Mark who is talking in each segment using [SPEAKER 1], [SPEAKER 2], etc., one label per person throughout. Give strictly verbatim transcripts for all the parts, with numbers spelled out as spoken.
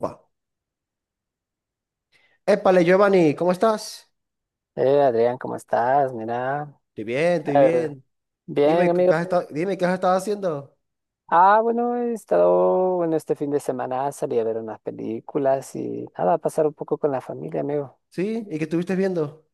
[SPEAKER 1] Buah. Épale, Giovanni, ¿cómo estás?
[SPEAKER 2] Eh, Adrián, ¿cómo estás? Mira,
[SPEAKER 1] Estoy bien, estoy
[SPEAKER 2] eh,
[SPEAKER 1] bien.
[SPEAKER 2] bien,
[SPEAKER 1] Dime,
[SPEAKER 2] amigo.
[SPEAKER 1] ¿qué has estado, dime, ¿qué has estado haciendo?
[SPEAKER 2] Ah, bueno, he estado, bueno, este fin de semana salí a ver unas películas y nada, a pasar un poco con la familia, amigo.
[SPEAKER 1] ¿Sí? ¿Y qué estuviste viendo?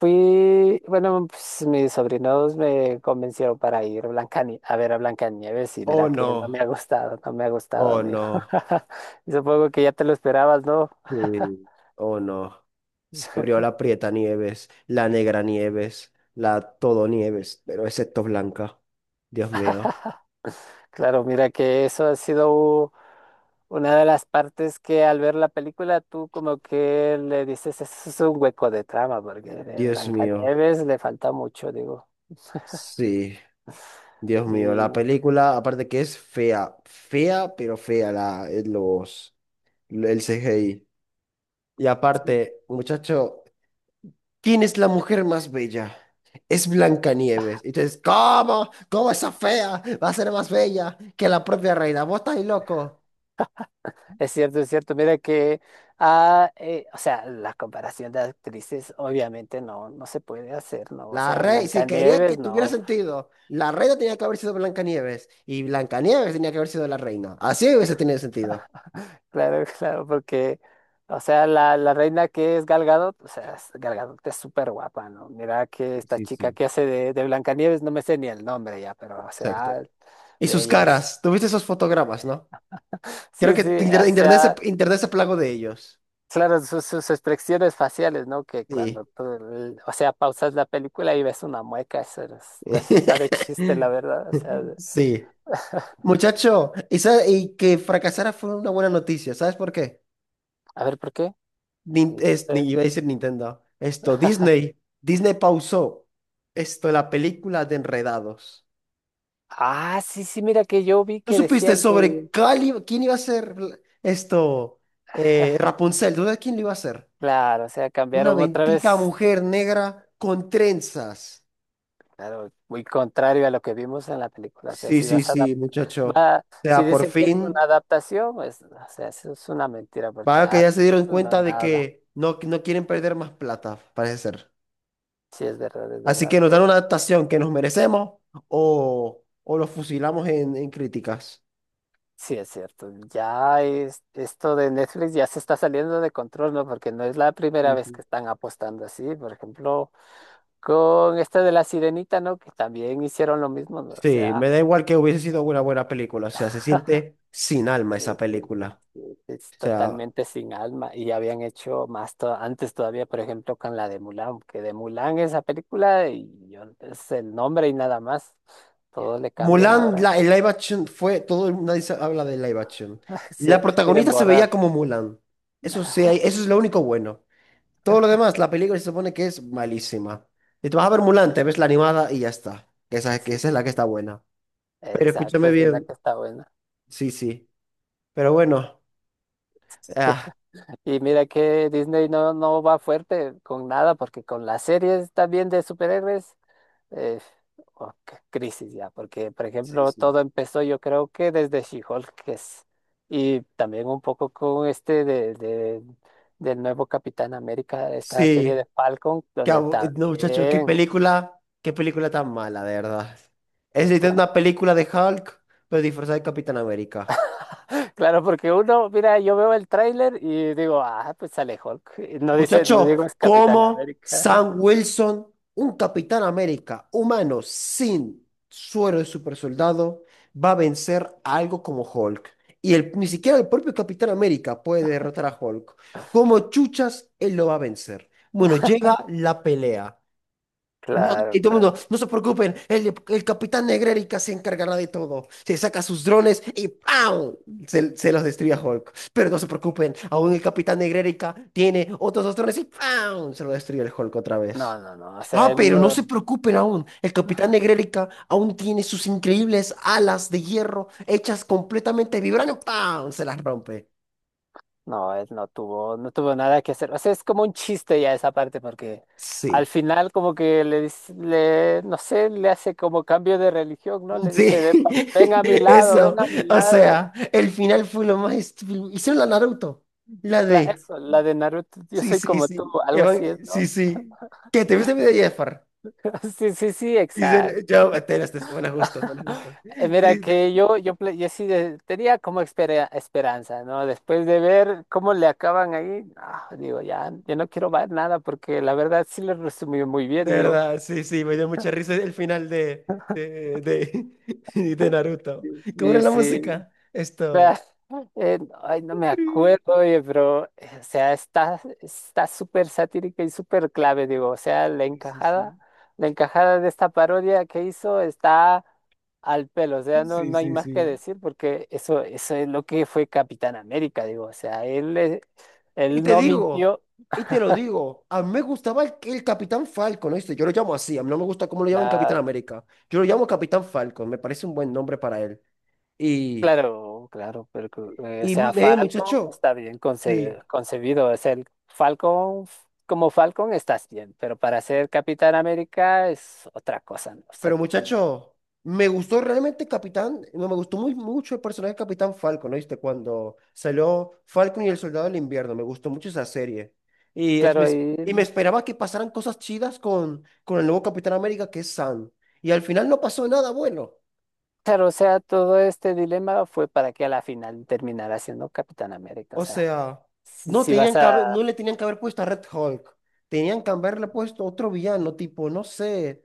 [SPEAKER 2] Fui, bueno, pues mis sobrinos me convencieron para ir a Blancani- a ver a Blancanieves y
[SPEAKER 1] Oh,
[SPEAKER 2] mira que no me
[SPEAKER 1] no.
[SPEAKER 2] ha gustado, no me ha gustado,
[SPEAKER 1] Oh,
[SPEAKER 2] amigo.
[SPEAKER 1] no.
[SPEAKER 2] Y supongo que ya te lo esperabas, ¿no?
[SPEAKER 1] Sí. Oh, no. Se abrió la Prieta Nieves, la Negra Nieves, la Todo Nieves, pero excepto Blanca. Dios mío.
[SPEAKER 2] Claro, mira que eso ha sido u- una de las partes que al ver la película tú como que le dices, eso es un hueco de trama, porque de
[SPEAKER 1] Dios mío.
[SPEAKER 2] Blancanieves le falta mucho, digo.
[SPEAKER 1] Sí. Dios mío. La
[SPEAKER 2] Y
[SPEAKER 1] película, aparte que es fea. Fea, pero fea la, los, el C G I. Y
[SPEAKER 2] sí,
[SPEAKER 1] aparte, muchacho. ¿Quién es la mujer más bella? Es Blancanieves. Y tú dices, ¿cómo? ¿Cómo esa fea va a ser más bella que la propia reina? ¿Vos estás ahí loco?
[SPEAKER 2] es cierto, es cierto. Mira que, ah, eh, o sea, la comparación de actrices obviamente no, no se puede hacer, ¿no? O
[SPEAKER 1] La
[SPEAKER 2] sea,
[SPEAKER 1] reina, si quería que
[SPEAKER 2] Blancanieves
[SPEAKER 1] tuviera
[SPEAKER 2] no.
[SPEAKER 1] sentido, la reina tenía que haber sido Blancanieves y Blancanieves tenía que haber sido la reina. Así hubiese tenido sentido.
[SPEAKER 2] Claro, claro, porque, o sea, la, la reina que es Gal Gadot, o sea, es- Gal Gadot es súper guapa, ¿no? Mira que
[SPEAKER 1] Sí,
[SPEAKER 2] esta
[SPEAKER 1] sí,
[SPEAKER 2] chica
[SPEAKER 1] sí.
[SPEAKER 2] que hace de, de Blancanieves, no me sé ni el nombre ya, pero, o
[SPEAKER 1] Exacto.
[SPEAKER 2] sea,
[SPEAKER 1] Y
[SPEAKER 2] de
[SPEAKER 1] sus
[SPEAKER 2] ellas.
[SPEAKER 1] caras, ¿tuviste esos fotogramas, no? Creo
[SPEAKER 2] Sí,
[SPEAKER 1] que
[SPEAKER 2] sí,
[SPEAKER 1] t-
[SPEAKER 2] o
[SPEAKER 1] inter- internet se,
[SPEAKER 2] sea,
[SPEAKER 1] internet se plagó de ellos.
[SPEAKER 2] claro, sus, sus expresiones faciales, ¿no? Que
[SPEAKER 1] Sí.
[SPEAKER 2] cuando tú, l- o sea, pausas la película y ves una mueca, eso es- eso está de chiste, la verdad, o sea, de-
[SPEAKER 1] Sí. Muchacho, esa, y que fracasara fue una buena noticia. ¿Sabes por qué?
[SPEAKER 2] a ver, ¿por qué?
[SPEAKER 1] Nin-
[SPEAKER 2] Sí, no
[SPEAKER 1] es, ni
[SPEAKER 2] sé.
[SPEAKER 1] iba a decir Nintendo. Esto, Disney. Disney pausó esto, la película de Enredados.
[SPEAKER 2] Ah, sí, sí, mira que yo vi
[SPEAKER 1] ¿Tú
[SPEAKER 2] que
[SPEAKER 1] supiste
[SPEAKER 2] decían
[SPEAKER 1] sobre
[SPEAKER 2] que,
[SPEAKER 1] cuál iba- quién iba a ser esto? eh, Rapunzel. ¿Tú sabes quién lo iba a hacer?
[SPEAKER 2] claro, o sea,
[SPEAKER 1] Una
[SPEAKER 2] cambiaron otra
[SPEAKER 1] bendita
[SPEAKER 2] vez.
[SPEAKER 1] mujer negra con trenzas.
[SPEAKER 2] Claro, muy contrario a lo que vimos en la película. O sea,
[SPEAKER 1] Sí,
[SPEAKER 2] si
[SPEAKER 1] sí,
[SPEAKER 2] vas a adap-
[SPEAKER 1] sí, muchacho.
[SPEAKER 2] va-
[SPEAKER 1] O
[SPEAKER 2] si
[SPEAKER 1] sea, por
[SPEAKER 2] dicen que es una
[SPEAKER 1] fin,
[SPEAKER 2] adaptación, pues, o sea, eso es una mentira, porque
[SPEAKER 1] vaya que
[SPEAKER 2] ah,
[SPEAKER 1] ya se dieron
[SPEAKER 2] no,
[SPEAKER 1] cuenta de
[SPEAKER 2] nada.
[SPEAKER 1] que no, no quieren perder más plata, parece ser.
[SPEAKER 2] Sí, es verdad, es
[SPEAKER 1] Así
[SPEAKER 2] verdad.
[SPEAKER 1] que nos dan
[SPEAKER 2] Po-
[SPEAKER 1] una adaptación que nos merecemos o, o lo fusilamos en, en críticas.
[SPEAKER 2] sí, es cierto. Ya es- esto de Netflix ya se está saliendo de control, ¿no? Porque no es la primera vez
[SPEAKER 1] Ujú.
[SPEAKER 2] que están apostando así. Por ejemplo, con esta de la Sirenita, ¿no? Que también hicieron lo mismo, ¿no? O
[SPEAKER 1] Sí,
[SPEAKER 2] sea.
[SPEAKER 1] me da igual que hubiese sido una buena película. O sea, se siente sin alma esa
[SPEAKER 2] Sí, sí, sí,
[SPEAKER 1] película.
[SPEAKER 2] sí, sí, es
[SPEAKER 1] O sea,
[SPEAKER 2] totalmente sin alma y habían hecho más to- antes todavía, por ejemplo, con la de Mulan, que de Mulan esa película y yo- es el nombre y nada más, todo le cambian
[SPEAKER 1] Mulan,
[SPEAKER 2] ahora.
[SPEAKER 1] la, el live action fue, todo el mundo dice- habla de live action. La
[SPEAKER 2] Se- quieren
[SPEAKER 1] protagonista se veía
[SPEAKER 2] borrar.
[SPEAKER 1] como Mulan. Eso sí, hay- eso es lo único bueno. Todo lo demás, la película se supone que es malísima. Y tú vas a ver Mulan, te ves la animada y ya está. Que esa, que
[SPEAKER 2] Sí,
[SPEAKER 1] esa es
[SPEAKER 2] sí,
[SPEAKER 1] la que
[SPEAKER 2] sí.
[SPEAKER 1] está buena. Pero
[SPEAKER 2] Exacto,
[SPEAKER 1] escúchame
[SPEAKER 2] esa es la
[SPEAKER 1] bien.
[SPEAKER 2] que está buena.
[SPEAKER 1] Sí, sí. Pero bueno. Ah,
[SPEAKER 2] Y mira que Disney no, no va fuerte con nada, porque con las series también de superhéroes, Eh, oh, qué crisis ya, porque por
[SPEAKER 1] Sí,
[SPEAKER 2] ejemplo
[SPEAKER 1] sí.
[SPEAKER 2] todo empezó yo creo que desde She-Hulk que es- y también un poco con este de, de- del nuevo Capitán América, esta serie de
[SPEAKER 1] Sí.
[SPEAKER 2] Falcon,
[SPEAKER 1] Qué
[SPEAKER 2] donde
[SPEAKER 1] abu- eh, no, muchacho, qué
[SPEAKER 2] también,
[SPEAKER 1] película, qué película tan mala, de verdad. Es literalmente
[SPEAKER 2] claro,
[SPEAKER 1] una película de Hulk, pero disfrazada de Capitán América.
[SPEAKER 2] claro, porque uno, mira, yo veo el tráiler y digo, ah, pues sale Hulk, y no dice, no digo
[SPEAKER 1] Muchacho,
[SPEAKER 2] es Capitán
[SPEAKER 1] ¿cómo
[SPEAKER 2] América.
[SPEAKER 1] Sam Wilson, un Capitán América humano sin suero de supersoldado, va a vencer a algo como Hulk? Y el, ni siquiera el propio Capitán América puede derrotar a Hulk. ¿Cómo chuchas él lo va a vencer? Bueno, llega la pelea. No,
[SPEAKER 2] Claro,
[SPEAKER 1] y todo el
[SPEAKER 2] claro.
[SPEAKER 1] mundo, no se preocupen, el, el capitán Negrérica se encargará de todo. Se saca sus drones y ¡pam! Se, se los destruye a Hulk. Pero no se preocupen, aún el capitán Negrérica tiene otros dos drones y ¡pam! Se lo destruye el Hulk otra vez.
[SPEAKER 2] No, no, no, o sea,
[SPEAKER 1] Ah,
[SPEAKER 2] él
[SPEAKER 1] pero no
[SPEAKER 2] no.
[SPEAKER 1] se preocupen aún, el capitán Negrérica aún tiene sus increíbles alas de hierro hechas completamente de vibranio. ¡Pam! Se las rompe.
[SPEAKER 2] No, él no tuvo, no tuvo nada que hacer. O sea, es como un chiste ya esa parte, porque al
[SPEAKER 1] Sí.
[SPEAKER 2] final como que le dice, le, no sé, le hace como cambio de religión, ¿no? Le
[SPEAKER 1] Sí,
[SPEAKER 2] dice, "Ve pa- ven a mi lado,
[SPEAKER 1] eso.
[SPEAKER 2] ven a mi
[SPEAKER 1] O
[SPEAKER 2] lado".
[SPEAKER 1] sea, el final fue lo más estúpido. Hicieron la Naruto. La
[SPEAKER 2] Claro,
[SPEAKER 1] de.
[SPEAKER 2] eso, la de Naruto, yo
[SPEAKER 1] Sí,
[SPEAKER 2] soy
[SPEAKER 1] sí,
[SPEAKER 2] como tú,
[SPEAKER 1] sí.
[SPEAKER 2] algo
[SPEAKER 1] Evan-
[SPEAKER 2] así es,
[SPEAKER 1] Sí,
[SPEAKER 2] ¿no?
[SPEAKER 1] sí. ¿Qué? ¿Te viste el video de Jafar?
[SPEAKER 2] Sí, sí, sí, exacto.
[SPEAKER 1] Dicen, yo, te las des- bueno, justo, bueno, justo.
[SPEAKER 2] Eh,
[SPEAKER 1] De,
[SPEAKER 2] Mira que
[SPEAKER 1] de-
[SPEAKER 2] yo, yo, ple- yo sí de- tenía como espera- esperanza, ¿no? Después de ver cómo le acaban ahí, ah, digo, ya, yo no quiero ver nada porque la verdad sí le resumió muy
[SPEAKER 1] de
[SPEAKER 2] bien, digo.
[SPEAKER 1] verdad, sí, sí, me dio mucha risa el final de, de, de, de Naruto. ¿Cómo era
[SPEAKER 2] Y
[SPEAKER 1] la
[SPEAKER 2] sí,
[SPEAKER 1] música? Esto.
[SPEAKER 2] vea, eh, ay, no me acuerdo, oye, pero, eh, o sea, está, está súper satírica y súper clave, digo, o sea, la
[SPEAKER 1] Sí, sí,
[SPEAKER 2] encajada,
[SPEAKER 1] sí.
[SPEAKER 2] la encajada de esta parodia que hizo está al pelo, o sea, no,
[SPEAKER 1] Sí,
[SPEAKER 2] no hay
[SPEAKER 1] sí,
[SPEAKER 2] más que
[SPEAKER 1] sí.
[SPEAKER 2] decir porque eso, eso es lo que fue Capitán América, digo, o sea, él, eh,
[SPEAKER 1] Y
[SPEAKER 2] él
[SPEAKER 1] te
[SPEAKER 2] no
[SPEAKER 1] digo,
[SPEAKER 2] mintió,
[SPEAKER 1] y te lo digo, a mí me gustaba el, el Capitán Falcon, ¿oíste? Yo lo llamo así, a mí no me gusta cómo lo llaman Capitán
[SPEAKER 2] claro.
[SPEAKER 1] América. Yo lo llamo Capitán Falcon, me parece un buen nombre para él. Y,
[SPEAKER 2] Claro, claro, pero que, eh, o
[SPEAKER 1] y
[SPEAKER 2] sea,
[SPEAKER 1] eh,
[SPEAKER 2] Falcon
[SPEAKER 1] Muchacho,
[SPEAKER 2] está bien conce-
[SPEAKER 1] sí,
[SPEAKER 2] concebido. Es el Falcon, f- como Falcon estás bien, pero para ser Capitán América es otra cosa, ¿no? O sea,
[SPEAKER 1] pero
[SPEAKER 2] totalmente.
[SPEAKER 1] muchacho, me gustó realmente Capitán, no, me gustó muy mucho el personaje de Capitán Falcon, ¿oíste? Cuando salió Falcon y el Soldado del Invierno, me gustó mucho esa serie. Y, es, me,
[SPEAKER 2] Claro, y
[SPEAKER 1] y me esperaba que pasaran cosas chidas con, con el nuevo Capitán América, que es Sam. Y al final no pasó nada bueno.
[SPEAKER 2] claro, o sea, todo este dilema fue para que a la final terminara siendo Capitán América. O
[SPEAKER 1] O
[SPEAKER 2] sea,
[SPEAKER 1] sea,
[SPEAKER 2] si,
[SPEAKER 1] no
[SPEAKER 2] si vas
[SPEAKER 1] tenían que haber-
[SPEAKER 2] a
[SPEAKER 1] no le tenían que haber puesto a Red Hulk. Tenían que haberle puesto otro villano, tipo, no sé.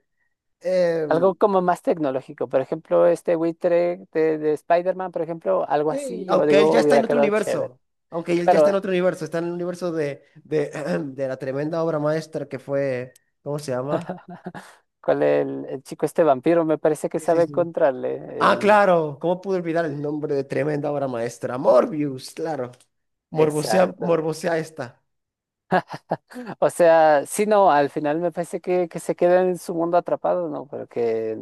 [SPEAKER 2] algo
[SPEAKER 1] em,
[SPEAKER 2] como más tecnológico, por ejemplo, este buitre de, de Spider-Man, por ejemplo, algo
[SPEAKER 1] sí,
[SPEAKER 2] así, yo
[SPEAKER 1] aunque él
[SPEAKER 2] digo,
[SPEAKER 1] ya está
[SPEAKER 2] hubiera
[SPEAKER 1] en otro
[SPEAKER 2] quedado
[SPEAKER 1] universo.
[SPEAKER 2] chévere.
[SPEAKER 1] Aunque él ya está
[SPEAKER 2] Claro,
[SPEAKER 1] en otro universo. Está en el universo de, de, de la tremenda obra maestra que fue. ¿Cómo se llama?
[SPEAKER 2] ¿cuál es el, el chico este vampiro? Me parece que
[SPEAKER 1] Sí, sí,
[SPEAKER 2] sabe
[SPEAKER 1] sí.
[SPEAKER 2] encontrarle.
[SPEAKER 1] Ah,
[SPEAKER 2] El...
[SPEAKER 1] claro. ¿Cómo pude olvidar el nombre de tremenda obra maestra? Morbius, claro. Morbosea,
[SPEAKER 2] Exacto.
[SPEAKER 1] morbosea esta.
[SPEAKER 2] O sea, sí, no, al final me parece que, que se queda en su mundo atrapado, ¿no? Pero que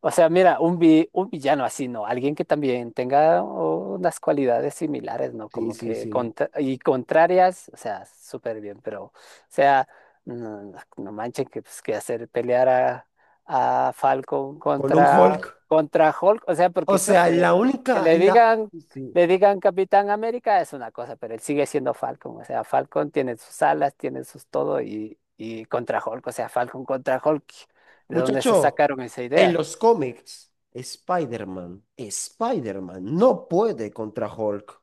[SPEAKER 2] o sea, mira, un, vi- un villano así, ¿no? Alguien que también tenga unas cualidades similares, ¿no?
[SPEAKER 1] Sí,
[SPEAKER 2] Como
[SPEAKER 1] sí,
[SPEAKER 2] que
[SPEAKER 1] sí.
[SPEAKER 2] contra- y contrarias, o sea, súper bien, pero, o sea, no, no manchen que, pues, que hacer pelear a, a Falcon
[SPEAKER 1] Con un
[SPEAKER 2] contra,
[SPEAKER 1] Hulk.
[SPEAKER 2] contra Hulk, o sea,
[SPEAKER 1] O
[SPEAKER 2] porque se
[SPEAKER 1] sea,
[SPEAKER 2] fue.
[SPEAKER 1] la
[SPEAKER 2] Que
[SPEAKER 1] única.
[SPEAKER 2] le
[SPEAKER 1] La...
[SPEAKER 2] digan,
[SPEAKER 1] Sí.
[SPEAKER 2] le digan Capitán América es una cosa, pero él sigue siendo Falcon, o sea, Falcon tiene sus alas, tiene sus todo y, y contra Hulk, o sea, Falcon contra Hulk, ¿de dónde se
[SPEAKER 1] Muchacho,
[SPEAKER 2] sacaron esa
[SPEAKER 1] en
[SPEAKER 2] idea?
[SPEAKER 1] los cómics, Spider-Man, Spider-Man no puede contra Hulk.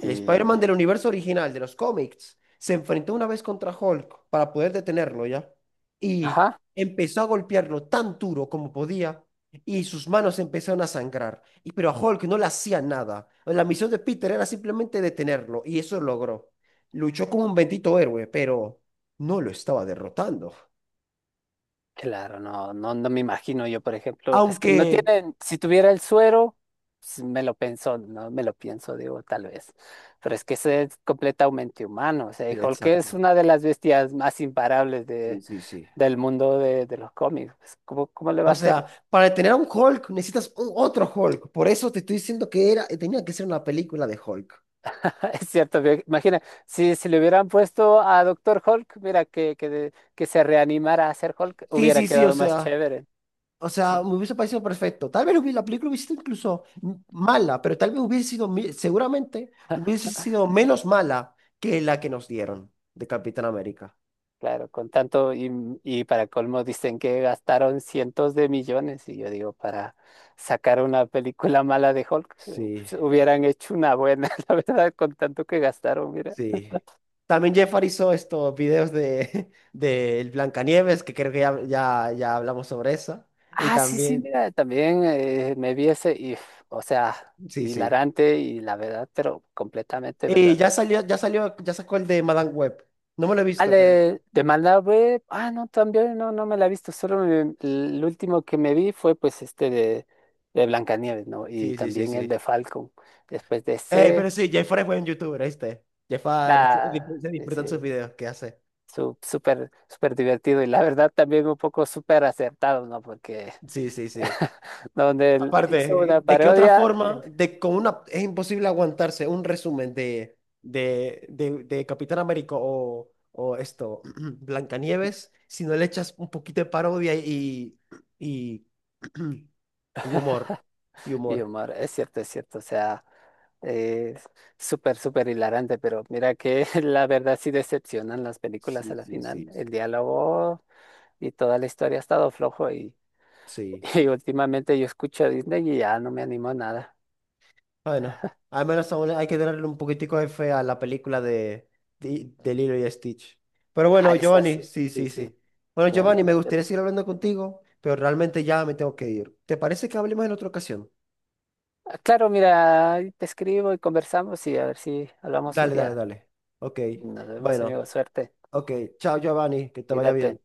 [SPEAKER 1] El
[SPEAKER 2] Y,
[SPEAKER 1] Spider-Man del universo original de los cómics se enfrentó una vez contra Hulk para poder detenerlo ya. Y
[SPEAKER 2] ajá,
[SPEAKER 1] empezó a golpearlo tan duro como podía y sus manos empezaron a sangrar. Y, pero a Hulk no le hacía nada. La misión de Peter era simplemente detenerlo y eso logró. Luchó como un bendito héroe, pero no lo estaba derrotando.
[SPEAKER 2] claro, no, no, no me imagino yo, por ejemplo, es que no
[SPEAKER 1] Aunque...
[SPEAKER 2] tienen, si tuviera el suero, pues, me lo pienso, no me lo pienso, digo, tal vez, pero es que ese es completamente humano, o sea,
[SPEAKER 1] Sí,
[SPEAKER 2] y Hulk es
[SPEAKER 1] exacto.
[SPEAKER 2] una de las bestias más imparables
[SPEAKER 1] Sí,
[SPEAKER 2] de,
[SPEAKER 1] sí, sí.
[SPEAKER 2] del mundo de, de los cómics, pues, ¿cómo, cómo le va a
[SPEAKER 1] O sea,
[SPEAKER 2] hacer?
[SPEAKER 1] para tener a un Hulk necesitas un otro Hulk. Por eso te estoy diciendo que era, tenía que ser una película de Hulk.
[SPEAKER 2] Es cierto, ve- imagina, si, si le hubieran puesto a Doctor Hulk, mira, que, que, de- que se reanimara a ser Hulk,
[SPEAKER 1] Sí,
[SPEAKER 2] hubiera
[SPEAKER 1] sí, sí, o
[SPEAKER 2] quedado más
[SPEAKER 1] sea.
[SPEAKER 2] chévere,
[SPEAKER 1] O sea,
[SPEAKER 2] sí.
[SPEAKER 1] me hubiese parecido perfecto. Tal vez hubi- la película hubiese sido incluso m- mala, pero tal vez hubiese sido, mi- seguramente hubiese sido menos mala que la que nos dieron de Capitán América.
[SPEAKER 2] Claro, con tanto y, y para colmo dicen que gastaron cientos de millones y yo digo, para sacar una película mala de Hulk,
[SPEAKER 1] Sí,
[SPEAKER 2] pues, hubieran hecho una buena, la verdad, con tanto que gastaron, mira.
[SPEAKER 1] sí. También Jeff hizo estos videos de, de Blancanieves, que creo que ya, ya, ya hablamos sobre eso. Y
[SPEAKER 2] Ah, sí, sí,
[SPEAKER 1] también,
[SPEAKER 2] mira, también eh, me vi ese, y, o sea,
[SPEAKER 1] sí, sí.
[SPEAKER 2] hilarante y la verdad, pero completamente
[SPEAKER 1] Y ya
[SPEAKER 2] verdadero.
[SPEAKER 1] salió, ya salió, ya sacó el de Madame Web. No me lo he
[SPEAKER 2] Ah,
[SPEAKER 1] visto, pero.
[SPEAKER 2] de, de Malabé, ah, no, también, no, no me la he visto, solo me- el último que me vi fue pues este de, de Blancanieves, ¿no? Y
[SPEAKER 1] Sí, sí, sí,
[SPEAKER 2] también el
[SPEAKER 1] sí.
[SPEAKER 2] de Falcon. Después de
[SPEAKER 1] Eh, pero
[SPEAKER 2] ese,
[SPEAKER 1] sí, Jafar es buen youtuber, ¿viste? Jafar, se,
[SPEAKER 2] da,
[SPEAKER 1] disfr- se disfrutan sus
[SPEAKER 2] ese,
[SPEAKER 1] videos que hace.
[SPEAKER 2] su- súper, súper divertido y la verdad también un poco súper acertado, ¿no? Porque
[SPEAKER 1] Sí, sí, sí.
[SPEAKER 2] donde él hizo
[SPEAKER 1] Aparte,
[SPEAKER 2] una
[SPEAKER 1] ¿de qué otra
[SPEAKER 2] parodia,
[SPEAKER 1] forma? De, con una, es imposible aguantarse un resumen de, de, de, de Capitán América o, o esto, Blancanieves, si no le echas un poquito de parodia y, y, y humor. Y
[SPEAKER 2] y
[SPEAKER 1] humor.
[SPEAKER 2] Omar, es cierto, es cierto, o sea, eh, súper, súper hilarante, pero mira que la verdad sí decepcionan las películas
[SPEAKER 1] Sí,
[SPEAKER 2] a la
[SPEAKER 1] sí,
[SPEAKER 2] final.
[SPEAKER 1] sí,
[SPEAKER 2] El
[SPEAKER 1] sí.
[SPEAKER 2] diálogo y toda la historia ha estado flojo y,
[SPEAKER 1] Sí.
[SPEAKER 2] y últimamente yo escucho a Disney y ya no me animo a nada.
[SPEAKER 1] Bueno, al menos aún hay que tenerle un poquitico de fe a la película de, de, de Lilo y Stitch. Pero bueno,
[SPEAKER 2] Ah, es
[SPEAKER 1] Giovanni,
[SPEAKER 2] así,
[SPEAKER 1] sí,
[SPEAKER 2] sí,
[SPEAKER 1] sí,
[SPEAKER 2] sí,
[SPEAKER 1] sí. Bueno,
[SPEAKER 2] ya,
[SPEAKER 1] Giovanni,
[SPEAKER 2] mira,
[SPEAKER 1] me
[SPEAKER 2] es
[SPEAKER 1] gustaría
[SPEAKER 2] cierto.
[SPEAKER 1] seguir hablando contigo, pero realmente ya me tengo que ir. ¿Te parece que hablemos en otra ocasión?
[SPEAKER 2] Ah, claro, mira, ahí te escribo y conversamos y a ver si hablamos un
[SPEAKER 1] Dale, dale,
[SPEAKER 2] día.
[SPEAKER 1] dale. Ok.
[SPEAKER 2] Nos vemos,
[SPEAKER 1] Bueno,
[SPEAKER 2] amigo, suerte,
[SPEAKER 1] ok. Chao, Giovanni, que te vaya bien.
[SPEAKER 2] cuídate.